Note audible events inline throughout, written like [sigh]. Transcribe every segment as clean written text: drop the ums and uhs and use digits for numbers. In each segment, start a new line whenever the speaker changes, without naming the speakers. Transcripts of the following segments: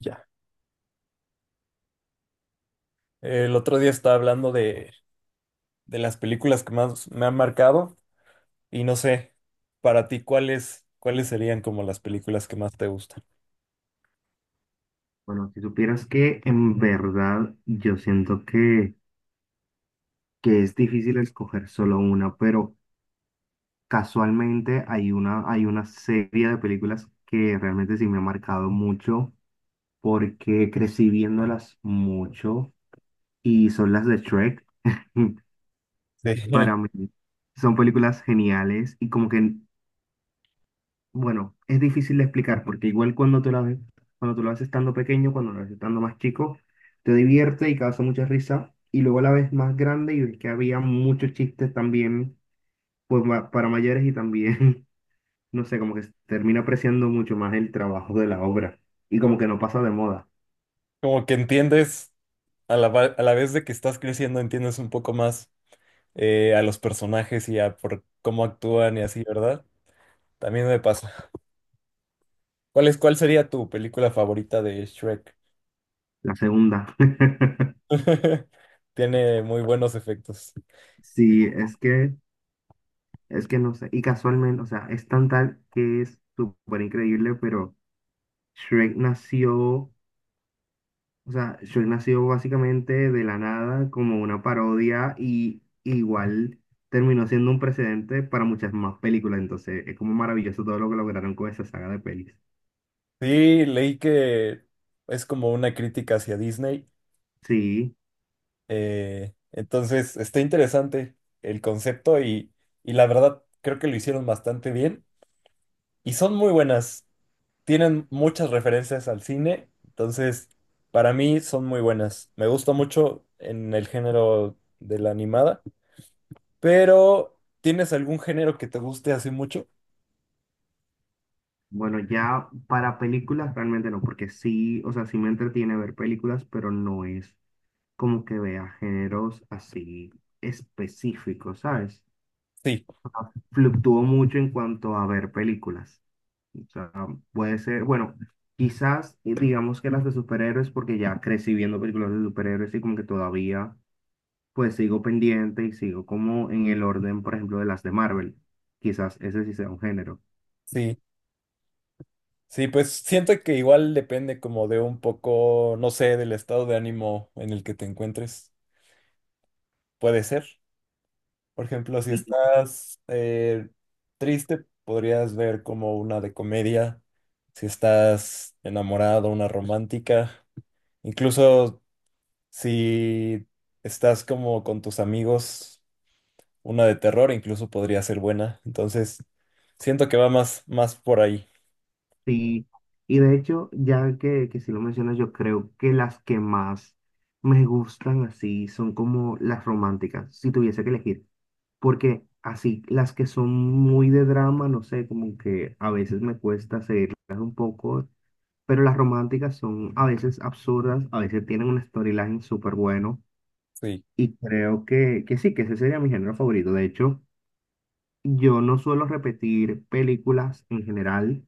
Ya. El otro día estaba hablando de las películas que más me han marcado y no sé, para ti, ¿cuáles serían como las películas que más te gustan?
Bueno, si supieras que en verdad yo siento que es difícil escoger solo una, pero casualmente hay una serie de películas que realmente sí me ha marcado mucho porque crecí viéndolas mucho y son las de Shrek. [laughs]
Sí. [laughs]
Para mí son películas geniales y como que bueno, es difícil de explicar porque igual cuando tú la ves estando pequeño, cuando la ves estando más chico, te divierte y causa mucha risa. Y luego la ves más grande y ves que había muchos chistes también pues, para mayores y también, [laughs] no sé, como que se termina apreciando mucho más el trabajo de la obra. Y como que no pasa de moda.
Como que entiendes, a la vez de que estás creciendo, entiendes un poco más a los personajes y a por cómo actúan y así, ¿verdad? También me pasa. ¿Cuál sería tu película favorita de Shrek?
La segunda. [laughs]
[laughs] Tiene muy buenos efectos.
Sí, es que no sé. Y casualmente, o sea, es tan tal que es súper increíble, pero Shrek nació. O sea, Shrek nació básicamente de la nada como una parodia y igual terminó siendo un precedente para muchas más películas. Entonces, es como maravilloso todo lo que lograron con esa saga de pelis.
Sí, leí que es como una crítica hacia Disney.
Sí,
Entonces, está interesante el concepto y la verdad creo que lo hicieron bastante bien y son muy buenas. Tienen muchas referencias al cine, entonces para mí son muy buenas. Me gusta mucho en el género de la animada, pero ¿tienes algún género que te guste así mucho?
bueno, ya para películas realmente no, porque sí, o sea, sí me entretiene ver películas, pero no es como que vea géneros así específicos, ¿sabes?
Sí,
Fluctúo mucho en cuanto a ver películas. O sea, puede ser, bueno, quizás digamos que las de superhéroes, porque ya crecí viendo películas de superhéroes y como que todavía pues sigo pendiente y sigo como en el orden, por ejemplo, de las de Marvel. Quizás ese sí sea un género.
sí, sí, pues siento que igual depende como de un poco, no sé, del estado de ánimo en el que te encuentres. Puede ser. Por ejemplo, si
Y,
estás triste, podrías ver como una de comedia. Si estás enamorado, una romántica. Incluso si estás como con tus amigos, una de terror incluso podría ser buena. Entonces, siento que va más por ahí.
sí, y de hecho, que si lo mencionas, yo creo que las que más me gustan así son como las románticas, si tuviese que elegir. Porque así, las que son muy de drama, no sé, como que a veces me cuesta seguirlas un poco pero las románticas son a veces absurdas, a veces tienen un storyline súper bueno
Sí.
y creo que sí, que ese sería mi género favorito. De hecho, yo no suelo repetir películas en general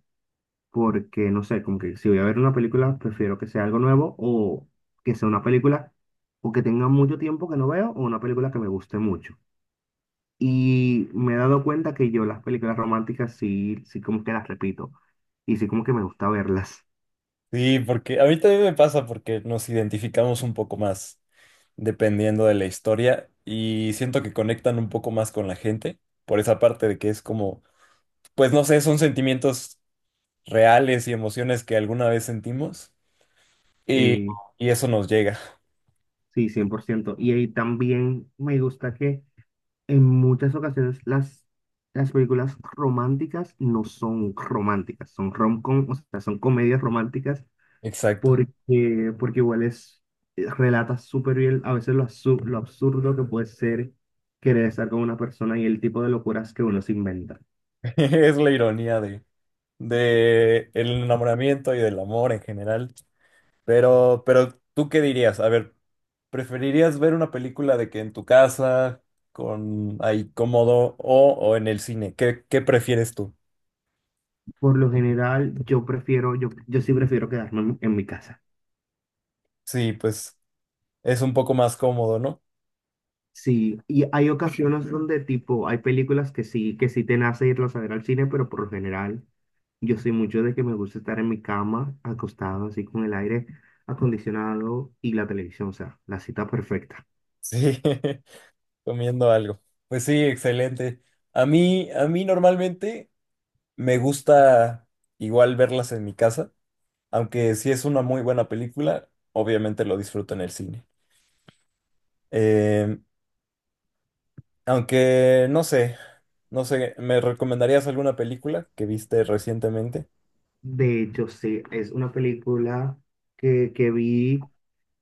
porque, no sé, como que si voy a ver una película, prefiero que sea algo nuevo o que sea una película o que tenga mucho tiempo que no veo o una película que me guste mucho. Y me he dado cuenta que yo las películas románticas sí, sí como que las repito y sí como que me gusta verlas.
Sí, porque a mí también me pasa porque nos identificamos un poco más dependiendo de la historia y siento que conectan un poco más con la gente por esa parte de que es como, pues no sé, son sentimientos reales y emociones que alguna vez sentimos y,
Sí.
y eso nos llega.
Sí, 100%. Y ahí también me gusta que en muchas las películas románticas no son románticas, son rom-com, o sea, son comedias románticas
Exacto.
porque igual es, relata súper bien a veces lo, lo absurdo que puede ser querer estar con una persona y el tipo de locuras que uno se inventa.
[laughs] Es la ironía de el enamoramiento y del amor en general. Pero, ¿tú qué dirías? A ver, ¿preferirías ver una película de que en tu casa, con ahí cómodo o en el cine? ¿Qué prefieres tú?
Por lo general, yo sí prefiero quedarme en mi casa.
Sí, pues es un poco más cómodo, ¿no?
Sí, y hay ocasiones donde tipo, hay películas que sí te nace irlas a ver al cine, pero por lo general yo soy mucho de que me gusta estar en mi cama, acostado así con el aire acondicionado y la televisión, o sea, la cita perfecta.
Sí. [laughs] Comiendo algo. Pues sí, excelente. A mí normalmente me gusta igual verlas en mi casa, aunque si es una muy buena película, obviamente lo disfruto en el cine. Eh, Aunque no sé, ¿me recomendarías alguna película que viste recientemente?
De hecho, sí, es una película que vi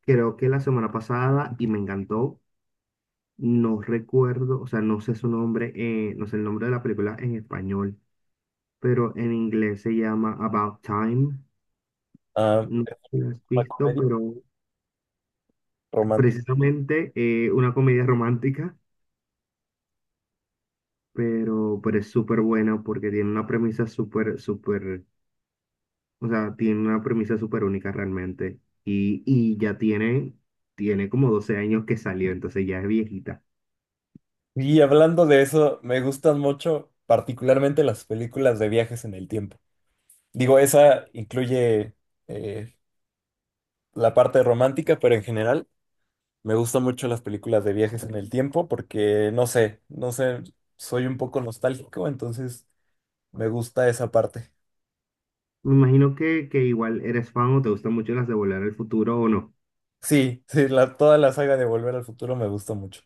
creo que la semana pasada y me encantó. No recuerdo, o sea, no sé su nombre, no sé el nombre de la película en español, pero en inglés se llama About Time.
Ah,
No sé
¿es
si la has
una
visto,
comedia
pero
romántica?
precisamente una comedia romántica, pero es súper buena porque tiene una premisa súper, o sea, tiene una premisa súper única realmente. Y ya tiene, tiene como 12 años que salió, entonces ya es viejita.
Y hablando de eso, me gustan mucho particularmente las películas de viajes en el tiempo. Digo, esa incluye eh, la parte romántica, pero en general. Me gustan mucho las películas de viajes en el tiempo porque, no sé, soy un poco nostálgico, entonces me gusta esa parte.
Me imagino que igual eres fan o te gustan mucho las de Volver al Futuro o no.
Sí, sí, toda la saga de Volver al Futuro me gusta mucho.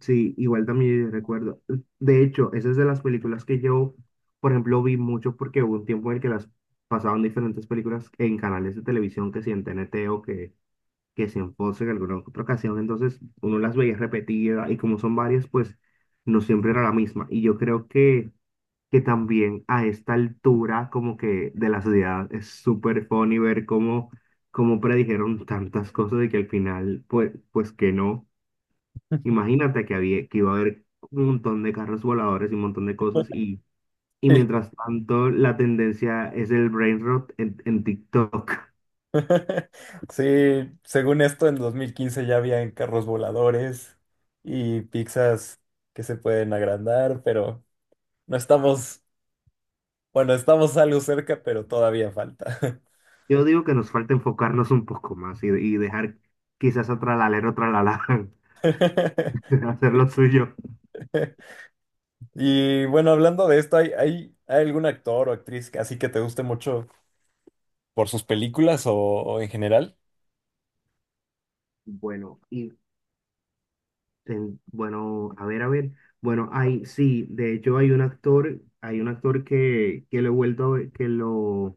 Sí, igual también recuerdo. De hecho, esa es de las películas que yo, por ejemplo, vi mucho porque hubo un tiempo en el que las pasaban diferentes películas en canales de televisión, que si en TNT que si en Fox en alguna otra ocasión. Entonces, uno las veía repetidas y como son varias, pues no siempre era la misma. Y yo creo que también a esta altura, como que de la sociedad, es súper funny ver cómo, cómo predijeron tantas cosas y que al final, pues, pues que no. Imagínate que iba a haber un montón de carros voladores y un montón de cosas y
Sí.
mientras tanto la tendencia es el brain rot en TikTok.
[laughs] Sí, según esto, en 2015 ya habían carros voladores y pizzas que se pueden agrandar, pero no estamos, bueno, estamos algo cerca, pero todavía falta.
[laughs] Yo digo que nos falta enfocarnos un poco más y dejar quizás a Tralalero Tralala
[laughs]
[laughs] hacer lo suyo.
Y bueno, hablando de esto, ¿hay algún actor o actriz así que te guste mucho por sus películas o en general?
Bueno, y a ver, a ver. Bueno, hay, sí, de hecho hay un actor que lo he vuelto a ver, que lo,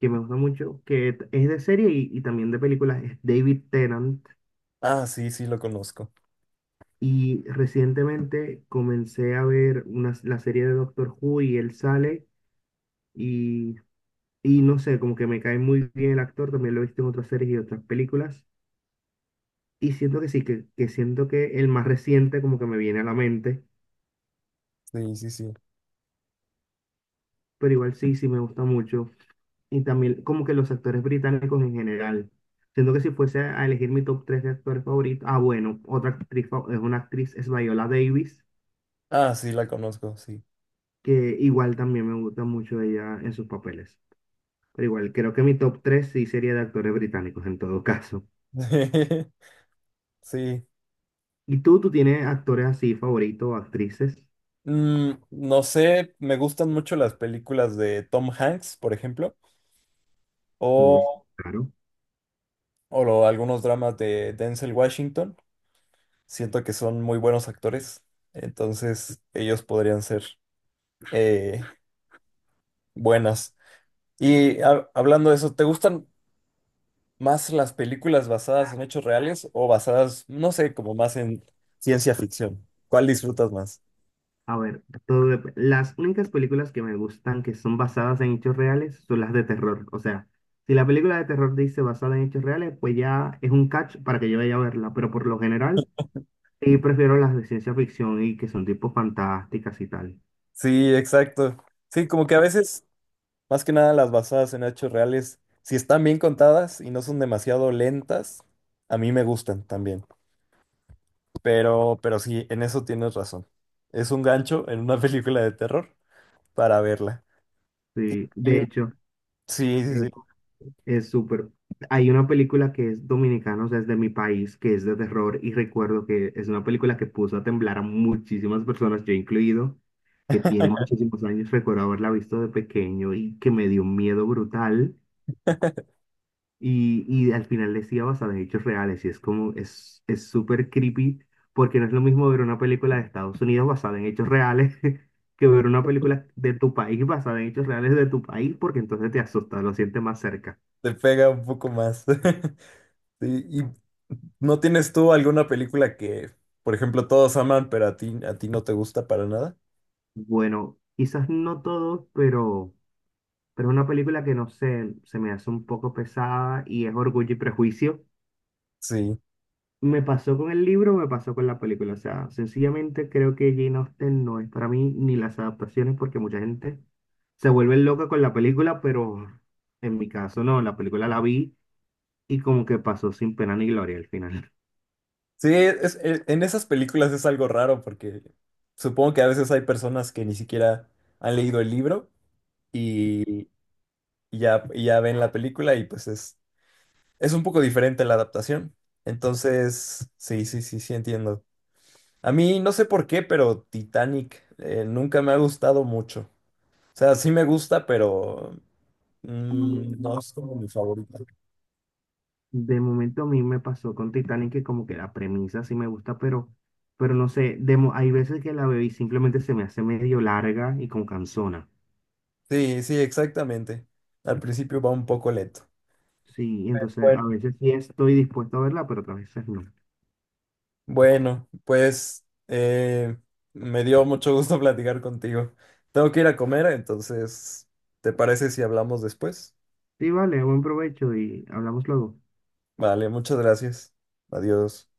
que me gusta mucho, es de serie y también de películas, es David Tennant.
Ah, sí, sí, lo conozco.
Y recientemente comencé a ver una, la serie de Doctor Who y él sale y, y no sé, como que me cae muy bien el actor, también lo he visto en otras series y otras películas. Y siento que sí, que siento que el más reciente como que me viene a la mente,
Sí, sí, sí.
pero igual sí, sí me gusta mucho. Y también como que los actores británicos en general. Siento que si fuese a elegir mi top 3 de actores favoritos, ah bueno, es una actriz, es Viola Davis,
Ah, sí, la conozco, sí.
que igual también me gusta mucho ella en sus papeles. Pero igual, creo que mi top 3 sí sería de actores británicos en todo caso.
[laughs] Sí.
¿Y tú tienes actores así favoritos, o actrices?
Mm, no sé, me gustan mucho las películas de Tom Hanks, por ejemplo, o,
Uy, sí, claro.
o algunos dramas de Denzel Washington. Siento que son muy buenos actores, entonces ellos podrían ser eh, buenas. Y hablando de eso, ¿te gustan más las películas basadas en hechos reales o basadas, no sé, como más en ciencia ficción? ¿Cuál disfrutas más?
A ver, las únicas películas que me gustan que son basadas en hechos reales son las de terror. O sea, si la película de terror dice basada en hechos reales, pues ya es un catch para que yo vaya a verla. Pero por lo general, sí prefiero las de ciencia ficción y que son tipo fantásticas y tal.
Sí, exacto. Sí, como que a veces, más que nada las basadas en hechos reales, si están bien contadas y no son demasiado lentas, a mí me gustan también. Pero sí, en eso tienes razón. Es un gancho en una [laughs] película de terror para verla.
Sí, de
Y-
hecho.
Sí, sí,
eh,
sí,
Es súper. Hay una película que es dominicana, o sea, es de mi país, que es de terror y recuerdo que es una película que puso a temblar a muchísimas personas, yo incluido, que tiene muchísimos años. Recuerdo haberla visto de pequeño y que me dio un miedo brutal y al final decía basada en hechos reales y es como, es súper creepy porque no es lo mismo ver una película de Estados Unidos basada en hechos reales [laughs] que ver una película de tu país basada en hechos reales de tu país porque entonces te asusta, lo sientes más cerca.
te pega un poco más. [laughs] Sí, ¿y no tienes tú alguna película que, por ejemplo, todos aman, pero a ti no te gusta para nada?
Bueno, quizás no todos, pero es una película que no sé, se me hace un poco pesada y es Orgullo y Prejuicio.
Sí.
Me pasó con el libro, me pasó con la película. O sea, sencillamente creo que Jane Austen no es para mí ni las adaptaciones porque mucha gente se vuelve loca con la película, pero en mi caso no, la película la vi y como que pasó sin pena ni gloria al final.
Sí, es, en esas películas es algo raro porque supongo que a veces hay personas que ni siquiera han leído el libro y, y ya ven la película y pues es un poco diferente la adaptación. Entonces, sí, entiendo. A mí no sé por qué, pero Titanic nunca me ha gustado mucho. O sea, sí me gusta, pero mm, no es como mi favorita.
De momento a mí me pasó con Titanic que como que la premisa sí me gusta, pero no sé, hay veces que la veo y simplemente se me hace medio larga y con cansona.
Sí, sí, exactamente. Al principio va un poco lento.
Sí, entonces a
Bueno.
veces sí estoy dispuesto a verla, pero otras veces no.
Bueno, pues me dio mucho gusto [laughs] platicar contigo. Tengo que ir a comer, entonces, ¿te parece si hablamos después?
Sí, vale, buen provecho y hablamos luego.
Vale, muchas gracias. Adiós.